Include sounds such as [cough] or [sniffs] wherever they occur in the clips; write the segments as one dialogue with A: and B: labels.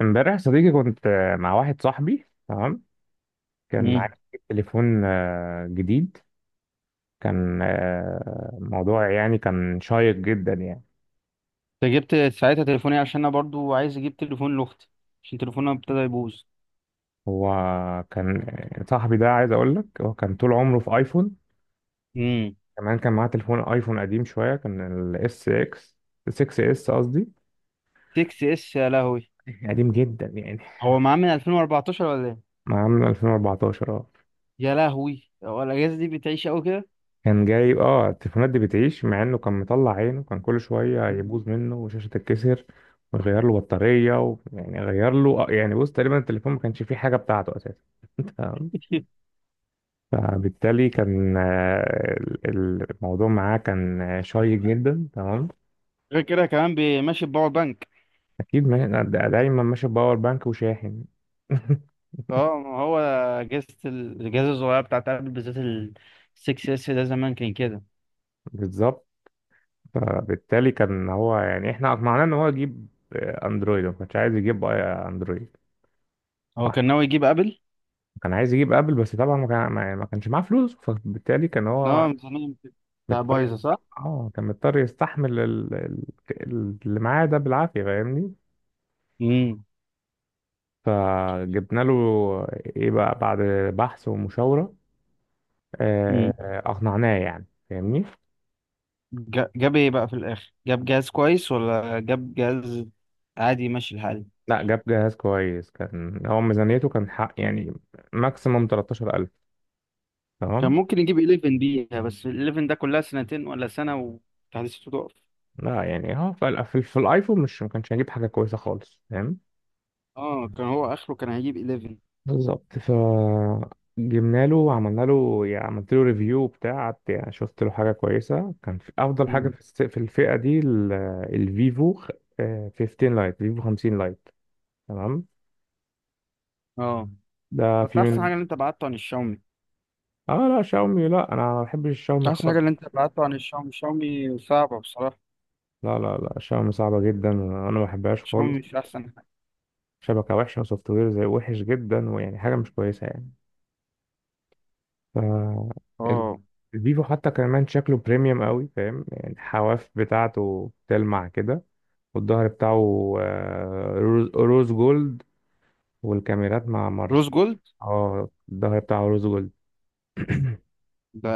A: امبارح يا صديقي كنت مع واحد صاحبي. تمام. كان
B: مم.
A: عايز يجيب تليفون جديد. كان موضوع يعني كان شيق جدا يعني.
B: انت جبت ساعتها تليفوني عشان انا برضو عايز اجيب تليفون لاختي، عشان تليفونها ابتدى يبوظ.
A: هو كان آه، صاحبي ده، عايز اقول لك، هو كان طول عمره في ايفون.
B: امم
A: كمان كان معاه تليفون ايفون قديم شويه. كان الاس اكس، 6 اس قصدي،
B: 6 اس، يا لهوي.
A: قديم جدا يعني،
B: هو معاه من 2014 ولا ايه؟
A: معاه من 2014.
B: يا لهوي، هو الاجهزه دي بتعيش قوي كده.
A: كان جايب اه التليفونات دي بتعيش، مع انه كان مطلع عينه، كان كل شويه
B: مم.
A: يبوظ منه وشاشه تتكسر ويغير له بطاريه يعني غير له يعني بص تقريبا التليفون ما كانش فيه حاجه بتاعته اساسا. تمام.
B: [laughs]
A: فبالتالي كان الموضوع معاه كان شيق جدا. تمام.
B: غير كده كمان ماشي بباور بانك.
A: اكيد ما... دا- دايما ماشي باور بانك وشاحن. [laughs]
B: اه ما هو اجهزه الاجهزه الصغيره بتاعت ابل، بالذات ال 6 اس ده زمان كان كده.
A: بالظبط. فبالتالي كان هو يعني احنا اقنعناه ان هو يجيب اندرويد. ما كانش عايز يجيب اندرويد.
B: هو كان ناوي يجيب ابل.
A: كان عايز يجيب ابل، بس طبعا ما كانش معاه فلوس، فبالتالي كان هو
B: اه، ميزانيه بتاع
A: مضطر
B: بايظه،
A: يست-
B: صح.
A: اه كان مضطر يستحمل اللي معاه ده بالعافية، فاهمني.
B: امم.
A: فجبنا له، ايه بقى، بعد بحث ومشاورة، آه، اقنعناه يعني، فاهمني.
B: جاب ايه بقى في الاخر، جاب جهاز كويس ولا جاب جهاز عادي ماشي الحال؟
A: لا، جاب جهاز كويس. كان هو ميزانيته كان حق يعني ماكسيموم 13,000.
B: كان
A: تمام.
B: ممكن يجيب 11 بيها، بس ال 11 ده كلها سنتين ولا سنة وتحديثاته تقف.
A: لا يعني هو في الايفون مش ما كانش هيجيب حاجة كويسة خالص، فاهم.
B: اه كان هو اخره كان هيجيب 11.
A: بالظبط. ف جبنا له وعملنا له، يعني عملت له ريفيو بتاع، قعدت يعني شفت له حاجه كويسه، كان في افضل حاجه
B: مم.
A: في الفئه دي، ال- الفيفو خ- آه، 15 لايت فيفو 50 لايت. تمام.
B: اه،
A: ده
B: انت
A: في
B: احسن
A: من.
B: حاجة اللي انت بعته عن الشاومي.
A: اه لا شاومي، لا، انا ما بحبش الشاومي
B: احسن حاجة
A: خالص.
B: اللي انت بعته عن الشاومي، الشاومي صعبة بصراحة.
A: لا شاومي صعبه جدا، انا ما بحبهاش
B: الشاومي
A: خالص.
B: مش احسن حاجة.
A: شبكه وحشه، وسوفت وير زي وحش جدا، ويعني حاجه مش كويسه يعني. ف ال-
B: اه،
A: الفيفو حتى كمان شكله بريميوم قوي، فاهم يعني، الحواف بتاعته بتلمع كده. والظهر بتاعه روز جولد. والكاميرات مع مارس.
B: روز جولد،
A: اه الظهر بتاعه روز جولد. [clears throat]
B: ده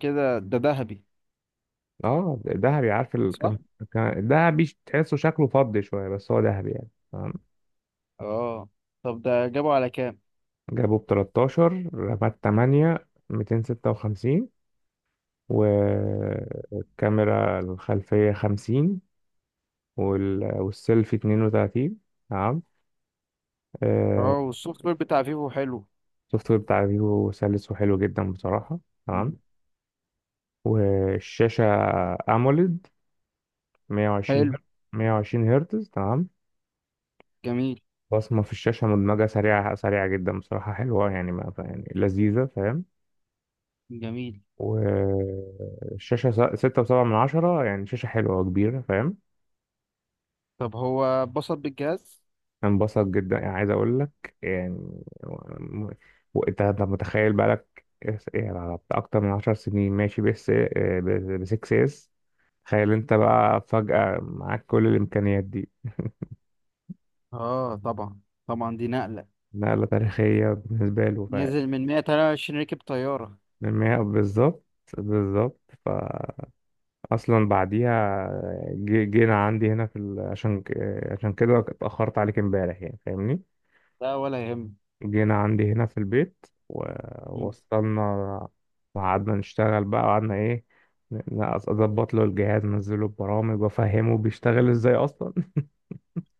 B: كده ده ذهبي،
A: اه ذهبي. عارف ال...
B: صح.
A: كان كان- الذهبي تحسه شكله فضي شويه، بس هو ذهبي يعني. تمام.
B: اه، طب ده جابه على كام؟
A: جابوا ب 13، رامات 8، 256. والكاميرا الخلفيه 50، والسيلفي 32. تمام. آه،
B: اه، والسوفت وير بتاع فيفو حلو.
A: السوفت وير بتاع فيفو سلس وحلو جدا بصراحة.
B: مم.
A: تمام. والشاشة أموليد، 120
B: حلو.
A: هرتز. 120 هرتز. تمام.
B: جميل.
A: بصمة في الشاشة مدمجة، سريعة جدا بصراحة، حلوة يعني، ما يعني لذيذة، فاهم.
B: جميل،
A: والشاشة ستة وسبعة من عشرة، يعني شاشة حلوة وكبيرة، فاهم.
B: طب هو اتبسط بالجهاز؟
A: انبسط جدا يعني، عايز اقول لك يعني. و- وانت هتبقى متخيل، بقالك يعني على بتاع اكتر من عشر سنين ماشي، بس ب 6 اس. تخيل انت بقى فجأة معاك كل الامكانيات دي.
B: اه، طبعا طبعا، دي نقلة.
A: نقلة تاريخية بالنسبة له. ف
B: نزل من 123 ركب طيارة.
A: بالظبط. بالظبط. فأصلا بعديها جينا عندي هنا عشان عشان كده اتأخرت عليك امبارح يعني، فاهمني.
B: لا ولا يهم.
A: جينا عندي هنا في البيت، ووصلنا وقعدنا نشتغل بقى، وقعدنا ايه، اظبط له الجهاز، انزله البرامج، وافهمه بيشتغل ازاي اصلا.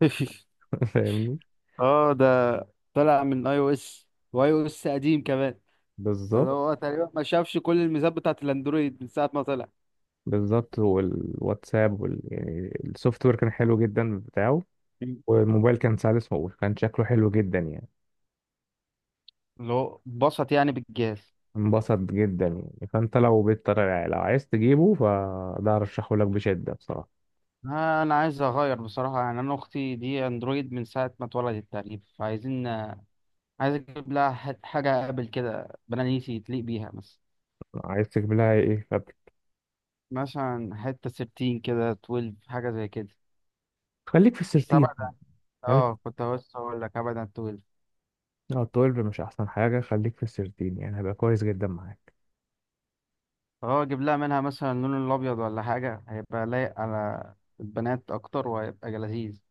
B: [laughs]
A: [laughs] فاهمني.
B: اه، ده طلع من اي او اس، واي او اس قديم كمان، اللي
A: بالظبط.
B: هو تقريبا ما شافش كل الميزات بتاعت الاندرويد من ساعة ما طلع.
A: بالظبط. يعني السوفت وير كان حلو جدا بتاعه.
B: مم.
A: والموبايل كان سلس وكان شكله حلو جدا يعني.
B: اللي هو اتبسط يعني بالجهاز.
A: انبسط جدا يعني. فانت لو بتطلع، لو عايز تجيبه، فده ارشحه لك بشدة بصراحة.
B: انا عايز اغير بصراحة، يعني انا اختي دي اندرويد من ساعة ما اتولدت تقريبا، فعايزين، عايز اجيب لها حاجة ابل كده بنانيسي تليق بيها مثلا.
A: عايز تجيب لها ايه؟
B: مثلا حتة 13 كده، 12، حاجة زي كده.
A: خليك في السيرتين.
B: السبعة ده.
A: خليك،
B: اه كنت لسه هقول لك أبدا 12.
A: اه 12 مش احسن حاجة، خليك في ال 13، يعني هيبقى كويس جدا معاك.
B: اه، أجيب لها منها مثلا اللون الأبيض ولا حاجة، هيبقى لايق على البنات أكتر وهيبقى لذيذ.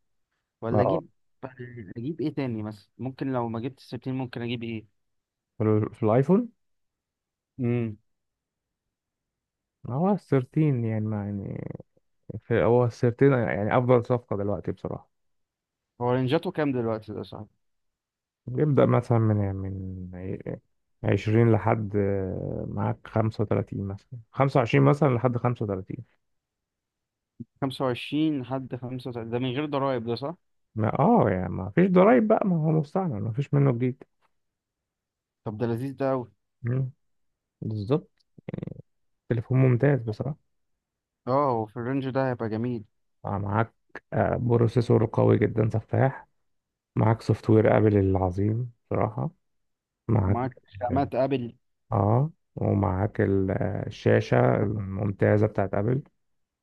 B: ولا
A: اه
B: أجيب؟ [laughs] أجيب إيه تاني مثلا؟ ممكن لو ما جبت 13 ممكن أجيب إيه؟
A: في الايفون
B: امم.
A: هو ال 13، يعني ما يعني، هو ال 13 يعني افضل صفقة دلوقتي بصراحة.
B: هو رينجاته كام دلوقتي ده، صح؟
A: بيبدأ مثلا من عشرين لحد معاك خمسة وتلاتين، مثلا خمسة وعشرين مثلا لحد خمسة وتلاتين.
B: 25 لحد 35، ده من غير ضرايب، ده صح؟
A: ما اه يعني ما فيش ضرايب بقى، ما هو مستعمل، ما فيش منه جديد.
B: طب ده لذيذ ده أوي.
A: مم. بالظبط. تليفون ممتاز بصراحة.
B: اه، هو في الرينج ده هيبقى جميل.
A: معاك بروسيسور قوي جدا، سفاح. معاك سوفت وير ابل العظيم بصراحة. معاك،
B: معاك خامات أبل.
A: اه، ومعاك الشاشة الممتازة بتاعت ابل.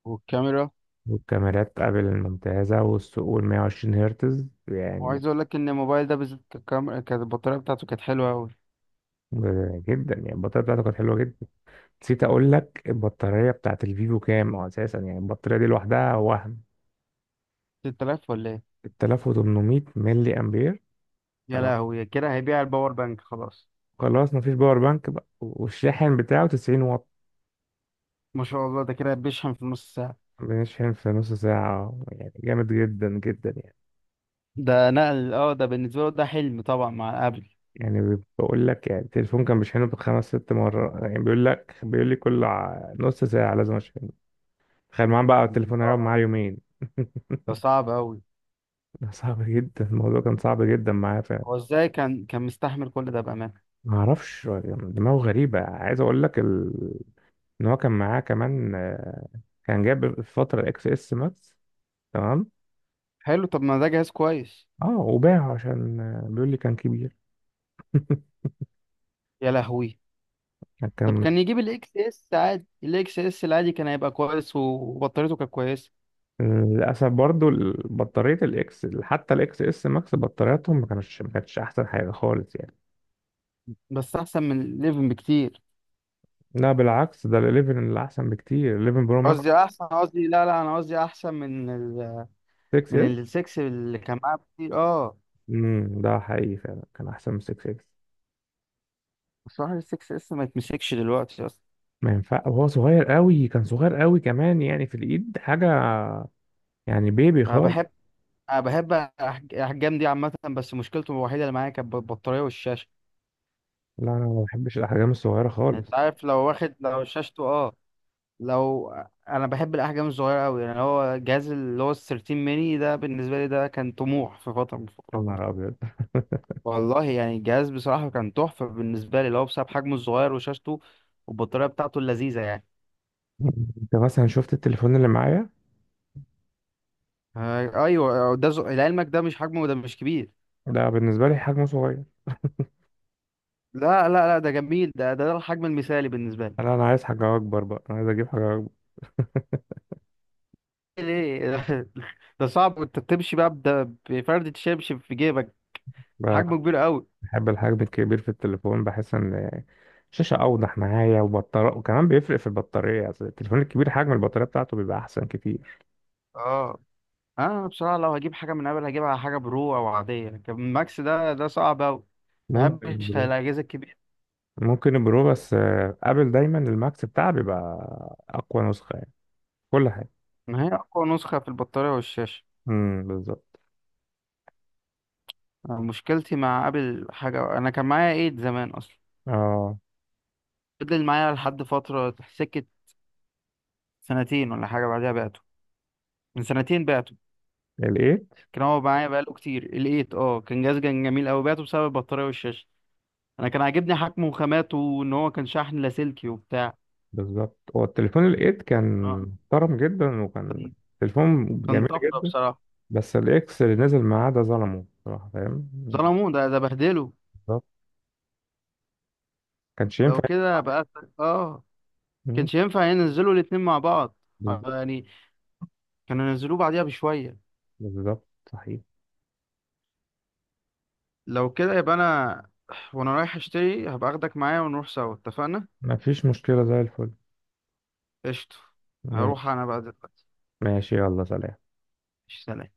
B: والكاميرا.
A: والكاميرات ابل الممتازة، والثقوب، 120 هرتز يعني.
B: وعايز اقول لك ان الموبايل ده بالذات الكاميرا كانت، البطاريه بتاعته كانت حلوه قوي.
A: جدا، يعني البطارية بتاعته كانت حلوة جدا. نسيت اقول لك البطارية بتاعت الفيفو كام، اساسا يعني البطارية دي لوحدها وهم،
B: 6000 ولا ايه؟
A: 3800 ملي امبير.
B: يا
A: تمام.
B: لهوي، كده هيبيع الباور بانك خلاص.
A: خلاص مفيش باور بانك بقى، والشاحن بتاعه 90 واط.
B: ما شاء الله، ده كده بيشحن في نص ساعه.
A: بنشحن في نص ساعة، يعني جامد جدا جدا يعني.
B: ده نقل، اه، ده بالنسبه له ده حلم طبعا مع ابل.
A: يعني بقول لك يعني، التليفون كان بيشحنه بخمس ست مرات يعني، بيقول لك، بيقول لي كل نص ساعة لازم اشحنه. تخيل معاه بقى التليفون هيقعد
B: اه،
A: معاه يومين. [laughs]
B: ده صعب قوي.
A: ده صعب جدا، الموضوع كان صعب جدا معاه فعلا.
B: هو ازاي كان مستحمل كل ده بامانه؟
A: ما اعرفش هو دماغه غريبة. عايز اقول لك ان هو كان معاه كمان، كان جاب في فترة الاكس اس ماكس. تمام.
B: حلو، طب ما ده جهاز كويس.
A: اه وباعه عشان، بيقول لي كان كبير.
B: يا لهوي.
A: [laughs]
B: طب
A: كان.
B: كان يجيب الاكس اس عادي، الاكس اس العادي كان هيبقى كويس وبطاريته كانت كويسه.
A: للاسف برضو بطارية الاكس، حتى الاكس اس ماكس، بطارياتهم ما كانتش احسن حاجة خالص يعني.
B: بس احسن من ال11 بكتير.
A: لا بالعكس، ده ال 11 اللي احسن بكتير، 11 برو ماكس.
B: قصدي احسن، قصدي، لا لا، انا قصدي احسن من
A: 6 اس.
B: السكس اللي كان معاه كتير، اه.
A: ده حقيقي، فعلا كان احسن من 6 اس.
B: بصراحة السكس لسه ما يتمسكش دلوقتي اصلا.
A: ما ينفع، وهو صغير قوي، كان صغير قوي كمان، يعني في الايد حاجه، يعني بيبي
B: انا
A: خالص.
B: بحب انا بحب احجام دي عامة، بس مشكلته الوحيدة اللي معايا كانت البطارية والشاشة.
A: لا انا ما بحبش الاحجام الصغيره
B: يعني
A: خالص.
B: انت عارف لو واخد، لو شاشته، اه، لو، انا بحب الاحجام الصغيرة قوي، يعني هو الجهاز اللي هو ال 13 ميني ده بالنسبة لي ده كان طموح في فترة من
A: يا
B: الفترات.
A: نهار ابيض.
B: والله يعني الجهاز بصراحة كان تحفة بالنسبة لي، اللي هو بسبب حجمه الصغير وشاشته والبطارية بتاعته اللذيذة يعني.
A: [laughs] انت مثلا شفت التليفون اللي معايا؟
B: ايوه، ده لعلمك ده مش حجمه، ده مش كبير.
A: ده بالنسبه لي حجمه صغير.
B: لا لا لا، ده جميل، ده الحجم المثالي بالنسبة لي.
A: انا عايز حاجه اكبر بقى، انا عايز اجيب حاجه
B: ليه؟ [laughs] ده صعب، انت بتمشي بقى بده بفردة شبشب في جيبك.
A: اكبر.
B: حجمه كبير قوي.
A: بحب الحجم الكبير في التليفون، بحس ان الشاشة أوضح معايا، وبطارية، وكمان بيفرق في البطارية، أصل التليفون الكبير حجم البطارية بتاعته بيبقى أحسن كتير.
B: اه، انا بصراحة لو هجيب حاجة من ابل هجيبها حاجة برو او عادية، لكن ماكس ده صعب قوي.
A: ممكن
B: مبحبش
A: البرو.
B: الاجهزة الكبيرة.
A: ممكن البرو، بس أبل دايما الماكس بتاعها بيبقى أقوى نسخة يعني، كل حاجة.
B: ان هي اقوى نسخة في البطارية والشاشة.
A: بالظبط.
B: أنا مشكلتي مع ابل حاجة، انا كان معايا ايد زمان اصلا.
A: اه
B: فضل معايا لحد فترة سكة، سنتين ولا حاجة بعدها بعته، من سنتين بعته.
A: الإيت.
B: كان هو معايا بقاله كتير الايت، اه، كان جهاز، كان جميل قوي، بعته بسبب البطاريه والشاشه. انا كان عاجبني حجمه وخاماته وان هو كان شحن لاسلكي وبتاع.
A: بالظبط، هو التليفون الإيت كان
B: اه،
A: محترم جدا، وكان تليفون
B: كان
A: جميل
B: طفره
A: جدا.
B: بصراحه.
A: بس الإكس اللي نزل معاه ده ظلمه بصراحة، فاهم يعني.
B: ظلموه، ده بهدله.
A: بالظبط. كانش
B: لو
A: ينفع.
B: كده بقى، اه،
A: مم،
B: كانش ينفع ينزلوا الاتنين مع بعض.
A: بالظبط.
B: يعني كانوا ينزلوه بعديها بشويه.
A: بالظبط صحيح.
B: لو كده يبقى انا [sniffs] وانا رايح اشتري هبقى اخدك معايا ونروح سوا، اتفقنا.
A: مفيش مشكلة زي الفل.
B: قشطه. هروح انا بقى دلوقتي.
A: ماشي، يلا سلام.
B: سلام.